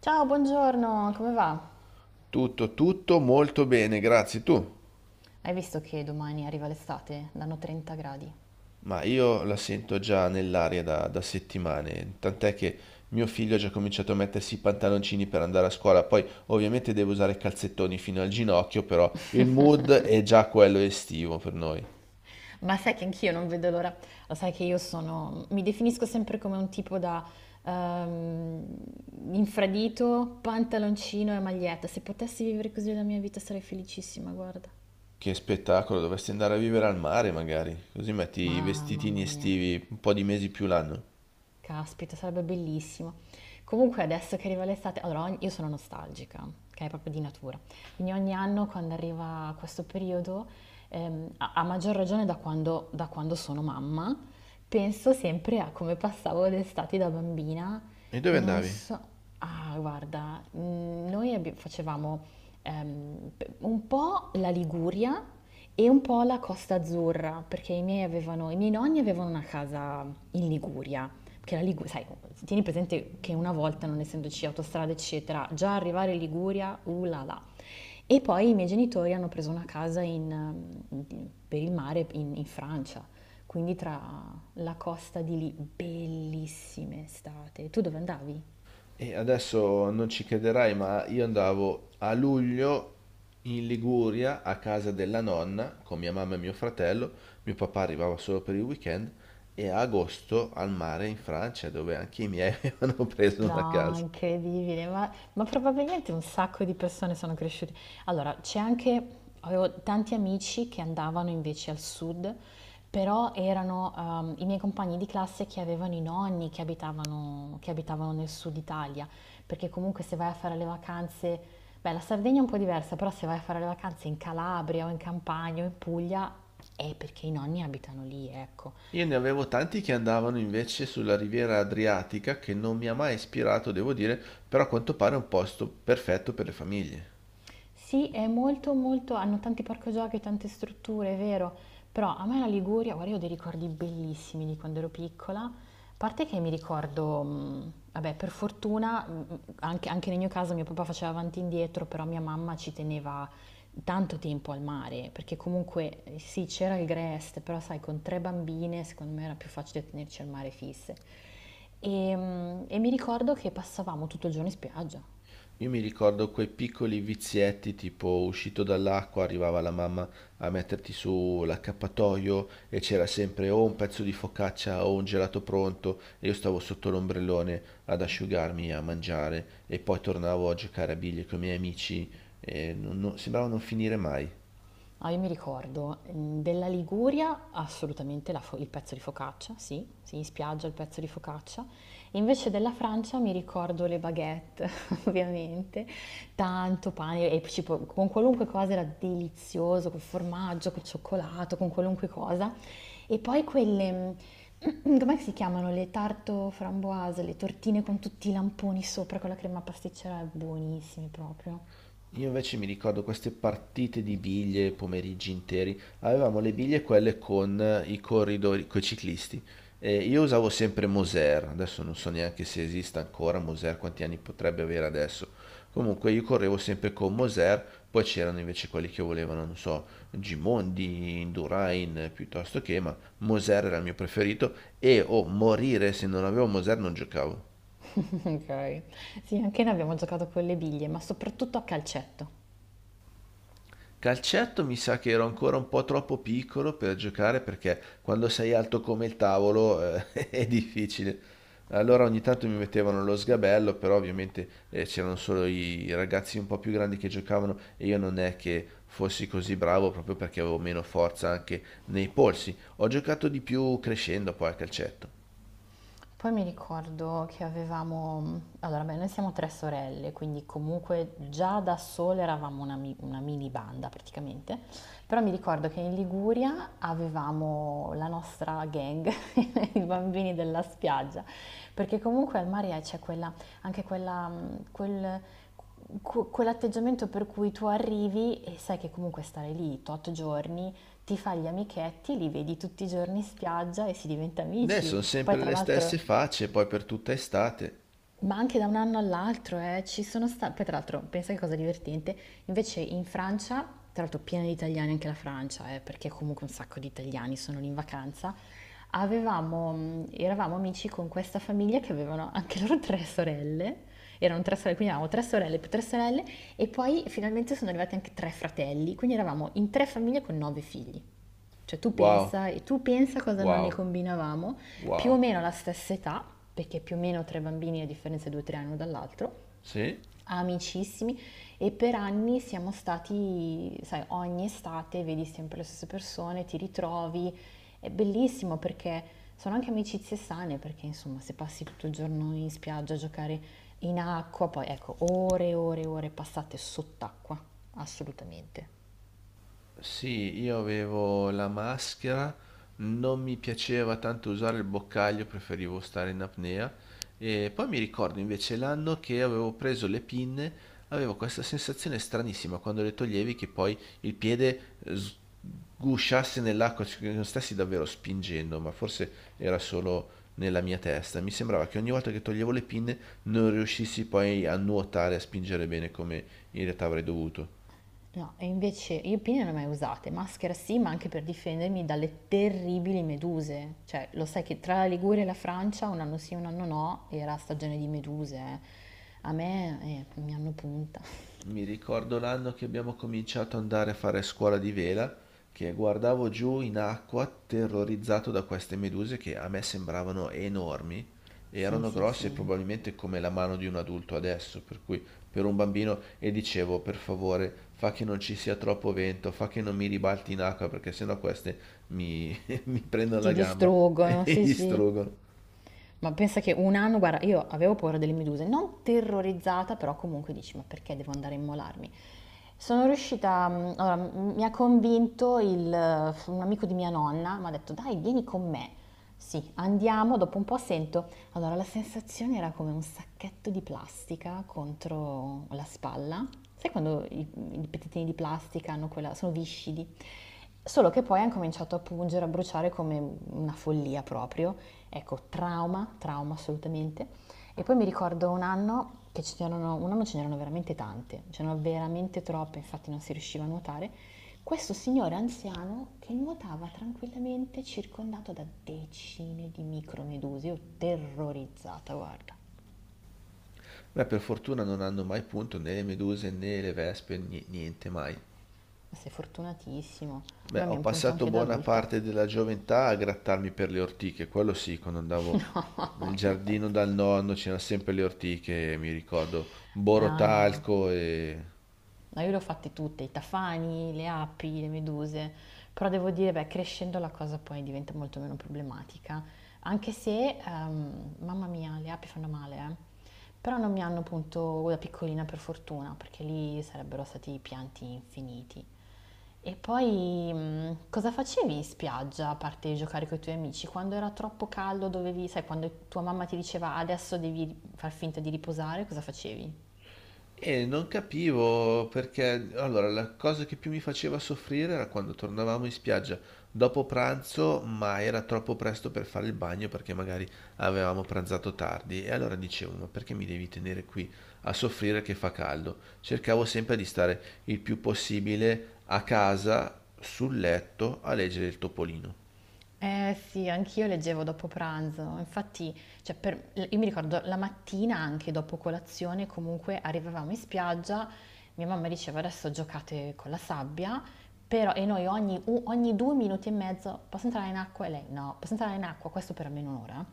Ciao, buongiorno, come va? Tutto, tutto molto bene, grazie. Tu? Hai visto che domani arriva l'estate? Danno 30 gradi. Ma io la sento già nell'aria da settimane, tant'è che mio figlio ha già cominciato a mettersi i pantaloncini per andare a scuola, poi ovviamente deve usare i calzettoni fino al ginocchio, però il mood è già quello estivo per noi. Ma sai che anch'io non vedo l'ora. Lo sai che io sono, mi definisco sempre come un tipo da ehm, infradito, pantaloncino e maglietta. Se potessi vivere così la mia vita sarei felicissima, guarda. Che spettacolo, dovresti andare a vivere al mare magari, così metti i Ma vestitini mamma mia, estivi un po' di mesi più l'anno. caspita, sarebbe bellissimo. Comunque adesso che arriva l'estate, allora io sono nostalgica, che è proprio di natura. Quindi ogni anno quando arriva questo periodo, a maggior ragione da quando sono mamma, penso sempre a come passavo l'estate da bambina. E dove Non andavi? so, ah, guarda, facevamo un po' la Liguria e un po' la Costa Azzurra, perché i miei nonni avevano una casa in Liguria. Perché la Liguria, sai, tieni presente che una volta, non essendoci autostrade, eccetera, già arrivare in Liguria, là là. E poi i miei genitori hanno preso una casa in- mm, in- per il mare in Francia, quindi tra la costa di lì, bellissime estate. Tu dove andavi? E adesso non ci crederai, ma io andavo a luglio in Liguria a casa della nonna con mia mamma e mio fratello, mio papà arrivava solo per il weekend e a agosto al mare in Francia dove anche i miei avevano preso una No, casa. incredibile, ma probabilmente un sacco di persone sono cresciute. Allora, c'è anche, avevo tanti amici che andavano invece al sud, però erano i miei compagni di classe che avevano i nonni che abitavano nel sud Italia, perché comunque se vai a fare le vacanze, beh, la Sardegna è un po' diversa, però se vai a fare le vacanze in Calabria o in Campania o in Puglia è perché i nonni abitano lì, ecco. Io ne avevo tanti che andavano invece sulla riviera Adriatica che non mi ha mai ispirato, devo dire, però a quanto pare è un posto perfetto per le famiglie. Sì, è molto molto hanno tanti parco giochi, tante strutture, è vero, però a me la Liguria, guarda, io ho dei ricordi bellissimi di quando ero piccola. A parte che mi ricordo, vabbè, per fortuna, anche nel mio caso mio papà faceva avanti e indietro, però mia mamma ci teneva tanto tempo al mare, perché comunque sì, c'era il Grest, però sai, con tre bambine secondo me era più facile tenerci al mare fisse. E mi ricordo che passavamo tutto il giorno in spiaggia. Io mi ricordo quei piccoli vizietti, tipo uscito dall'acqua, arrivava la mamma a metterti su l'accappatoio e c'era sempre o un pezzo di focaccia o un gelato pronto e io stavo sotto l'ombrellone ad asciugarmi, a mangiare e poi tornavo a giocare a biglie con i miei amici e sembrava non finire mai. Ah, io mi ricordo, della Liguria assolutamente il pezzo di focaccia, sì, sì, in spiaggia il pezzo di focaccia. Invece della Francia mi ricordo le baguette, ovviamente, tanto pane e con qualunque cosa era delizioso, col formaggio, col cioccolato, con qualunque cosa. E poi quelle, com'è che si chiamano? Le tarte framboise, le tortine con tutti i lamponi sopra con la crema pasticcera, buonissime proprio. Io invece mi ricordo queste partite di biglie, pomeriggi interi. Avevamo le biglie quelle con i corridori, con i ciclisti. E io usavo sempre Moser, adesso non so neanche se esista ancora Moser, quanti anni potrebbe avere adesso. Comunque io correvo sempre con Moser, poi c'erano invece quelli che volevano, non so, Gimondi, Indurain, piuttosto che, ma Moser era il mio preferito e o morire se non avevo Moser non giocavo. Ok. Sì, anche noi abbiamo giocato con le biglie, ma soprattutto a calcetto. Calcetto mi sa che ero ancora un po' troppo piccolo per giocare perché quando sei alto come il tavolo è difficile. Allora ogni tanto mi mettevano lo sgabello, però ovviamente c'erano solo i ragazzi un po' più grandi che giocavano e io non è che fossi così bravo proprio perché avevo meno forza anche nei polsi. Ho giocato di più crescendo poi a calcetto. Poi mi ricordo che avevamo, allora beh, noi siamo tre sorelle, quindi comunque già da sole eravamo una mini banda praticamente, però mi ricordo che in Liguria avevamo la nostra gang, i bambini della spiaggia, perché comunque al mare c'è quella, anche quella, quel, que- quell'atteggiamento per cui tu arrivi e sai che comunque stare lì tot giorni, ti fai gli amichetti, li vedi tutti i giorni in spiaggia e si diventa Ne sono amici. Poi sempre tra le l'altro stesse facce, poi per tutta estate. ma anche da un anno all'altro, ci sono stati. Poi, tra l'altro, pensa che cosa divertente. Invece in Francia, tra l'altro, piena di italiani anche la Francia, perché comunque un sacco di italiani sono lì in vacanza. Avevamo, eravamo amici con questa famiglia che avevano anche loro tre sorelle. Erano tre sorelle, quindi avevamo tre sorelle più tre sorelle, e poi finalmente sono arrivati anche tre fratelli. Quindi eravamo in tre famiglie con nove figli. Cioè tu Wow, pensa, e tu pensa cosa non ne wow, combinavamo, più o wow. meno alla stessa età, perché più o meno tre bambini a differenza di due o tre anni uno dall'altro, Sì? amicissimi, e per anni siamo stati, sai, ogni estate vedi sempre le stesse persone, ti ritrovi, è bellissimo perché sono anche amicizie sane, perché insomma se passi tutto il giorno in spiaggia a giocare in acqua, poi ecco, ore e ore e ore passate sott'acqua, assolutamente. Sì, io avevo la maschera, non mi piaceva tanto usare il boccaglio, preferivo stare in apnea. E poi mi ricordo invece l'anno che avevo preso le pinne, avevo questa sensazione stranissima quando le toglievi che poi il piede eh, sgusciasse nell'acqua, cioè che non stessi davvero spingendo, ma forse era solo nella mia testa. Mi sembrava che ogni volta che toglievo le pinne non riuscissi poi a nuotare, a spingere bene come in realtà avrei dovuto. No, e invece io pinne non le ho mai usate, maschera sì, ma anche per difendermi dalle terribili meduse. Cioè, lo sai che tra la Liguria e la Francia, un anno sì, un anno no, era stagione di meduse. Eh. A me mi hanno punta. Mi ricordo l'anno che abbiamo cominciato ad andare a fare scuola di vela, che guardavo giù in acqua terrorizzato da queste meduse che a me sembravano enormi, e Sì, erano sì, grosse sì. probabilmente come la mano di un adulto adesso, per cui per un bambino e dicevo per favore fa che non ci sia troppo vento, fa che non mi ribalti in acqua perché sennò queste mi, mi prendono la Ti gamba e distruggono, mi sì, sì. distruggono. Ma pensa che un anno, guarda, io avevo paura delle meduse, non terrorizzata, però comunque dici, ma perché devo andare a immolarmi? Sono riuscita, allora, mi ha convinto un amico di mia nonna, mi ha detto, dai, vieni con me. Sì, andiamo, dopo un po' sento. Allora, la sensazione era come un sacchetto di plastica contro la spalla. Sai quando i pezzettini di plastica hanno quella, sono viscidi? Solo che poi hanno cominciato a pungere, a bruciare come una follia proprio. Ecco, trauma, trauma assolutamente. E poi mi ricordo un anno ce n'erano veramente tante, ce n'erano veramente troppe, infatti non si riusciva a nuotare. Questo signore anziano che nuotava tranquillamente circondato da decine di micromedusi, io terrorizzata, guarda. Beh, per fortuna non hanno mai punto né le meduse né le vespe, niente mai. Sei fortunatissimo. A Beh, me mi ho ha un punto passato anche da buona adulta. parte della gioventù a grattarmi per le ortiche, quello sì, quando andavo nel giardino dal nonno c'erano sempre le ortiche, mi ricordo, No, no. borotalco e Ma io le ho fatte tutte, i tafani, le api, le meduse, però devo dire, beh, crescendo la cosa poi diventa molto meno problematica, anche se, mamma mia, le api fanno male, eh. Però non mi hanno punto da piccolina per fortuna, perché lì sarebbero stati pianti infiniti. E poi cosa facevi in spiaggia a parte giocare con i tuoi amici? Quando era troppo caldo dovevi, sai, quando tua mamma ti diceva adesso devi far finta di riposare, cosa facevi? E non capivo perché, allora, la cosa che più mi faceva soffrire era quando tornavamo in spiaggia dopo pranzo, ma era troppo presto per fare il bagno perché magari avevamo pranzato tardi. E allora dicevo, ma perché mi devi tenere qui a soffrire che fa caldo? Cercavo sempre di stare il più possibile a casa, sul letto, a leggere il Topolino. Eh sì, anch'io leggevo dopo pranzo, infatti, cioè, io mi ricordo la mattina anche dopo colazione, comunque arrivavamo in spiaggia, mia mamma diceva adesso giocate con la sabbia, però e noi ogni due minuti e mezzo posso entrare in acqua e lei no, posso entrare in acqua, questo per almeno un'ora,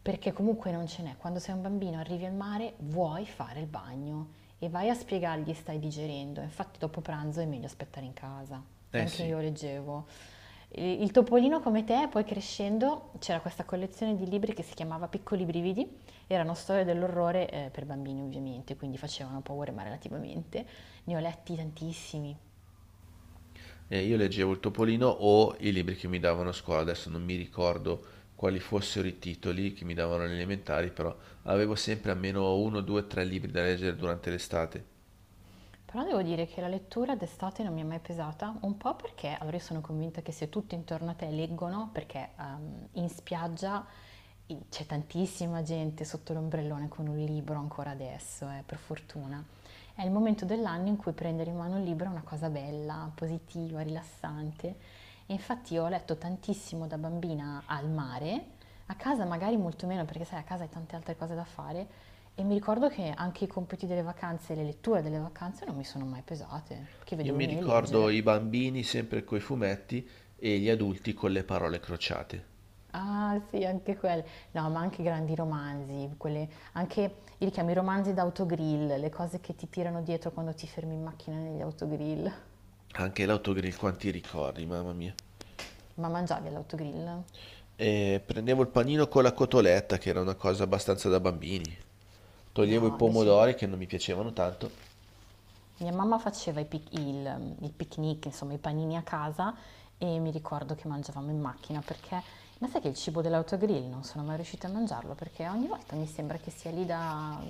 perché comunque non ce n'è, quando sei un bambino arrivi al mare vuoi fare il bagno e vai a spiegargli stai digerendo, infatti dopo pranzo è meglio aspettare in casa e Eh anche sì. io leggevo. Il Topolino come te, poi crescendo c'era questa collezione di libri che si chiamava Piccoli brividi, erano storie dell'orrore per bambini ovviamente, quindi facevano paura ma relativamente, ne ho letti tantissimi. Io leggevo il Topolino o i libri che mi davano a scuola, adesso non mi ricordo quali fossero i titoli che mi davano alle elementari, però avevo sempre almeno uno, due, tre libri da leggere durante l'estate. Però devo dire che la lettura d'estate non mi è mai pesata, un po' perché, allora io sono convinta che se tutti intorno a te leggono, perché in spiaggia c'è tantissima gente sotto l'ombrellone con un libro ancora adesso, per fortuna. È il momento dell'anno in cui prendere in mano un libro è una cosa bella, positiva, rilassante. E infatti io ho letto tantissimo da bambina al mare, a casa magari molto meno perché sai, a casa hai tante altre cose da fare, e mi ricordo che anche i compiti delle vacanze e le letture delle vacanze non mi sono mai pesate, perché Io vedevo i mi miei ricordo i leggere. bambini sempre coi fumetti e gli adulti con le parole crociate. Ah sì, anche quelle. No, ma anche grandi romanzi, quelle, anche io li chiamo i romanzi d'autogrill, le cose che ti tirano dietro quando ti fermi in macchina negli autogrill. Anche l'autogrill, quanti ricordi, mamma mia. Ma mangiavi all'autogrill? E prendevo il panino con la cotoletta, che era una cosa abbastanza da bambini. Toglievo i No, invece pomodori che non mi piacevano tanto. mia mamma faceva il picnic, insomma i panini a casa e mi ricordo che mangiavamo in macchina perché, ma sai che il cibo dell'autogrill non sono mai riuscita a mangiarlo perché ogni volta mi sembra che sia lì da…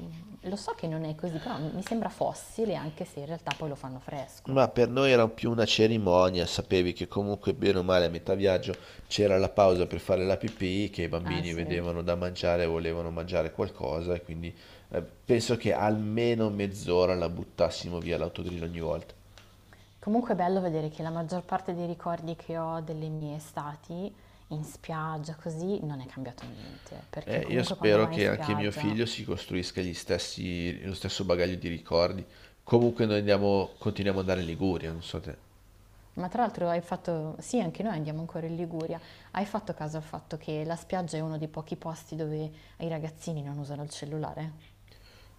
Lo so che non è così, però mi sembra fossile anche se in realtà poi lo fanno Ma fresco. per noi era più una cerimonia, sapevi che comunque bene o male a metà viaggio c'era la pausa per fare la pipì, che i Ah bambini sì. vedevano da mangiare, e volevano mangiare qualcosa e quindi penso che almeno mezz'ora la buttassimo via l'autogrill ogni volta. Comunque è bello vedere che la maggior parte dei ricordi che ho delle mie estati in spiaggia così non è cambiato niente, perché Io comunque quando spero vai in che anche mio spiaggia figlio si costruisca gli stessi, lo stesso bagaglio di ricordi. Comunque noi andiamo, continuiamo ad andare in Liguria, non so te. ma tra l'altro hai fatto, sì, anche noi andiamo ancora in Liguria, hai fatto caso al fatto che la spiaggia è uno dei pochi posti dove i ragazzini non usano il cellulare?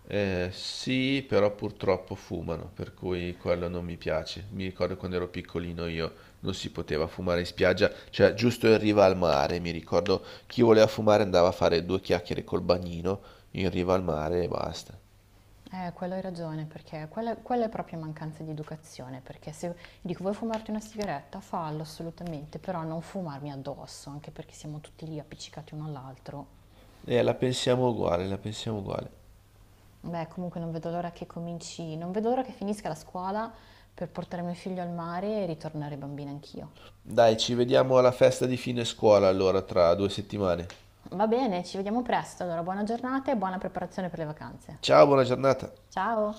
Sì, però purtroppo fumano, per cui quello non mi piace. Mi ricordo quando ero piccolino io non si poteva fumare in spiaggia, cioè giusto in riva al mare. Mi ricordo chi voleva fumare andava a fare due chiacchiere col bagnino in riva al mare e basta. Quello hai ragione, perché quella è proprio mancanza di educazione, perché se dico vuoi fumarti una sigaretta, fallo assolutamente, però non fumarmi addosso, anche perché siamo tutti lì appiccicati uno all'altro. La pensiamo uguale, la pensiamo uguale. Beh, comunque non vedo l'ora che cominci, non vedo l'ora che finisca la scuola per portare mio figlio al mare e ritornare bambina anch'io. Dai, ci vediamo alla festa di fine scuola allora tra 2 settimane. Va bene, ci vediamo presto. Allora, buona giornata e buona preparazione per le vacanze. Ciao, buona giornata. Ciao!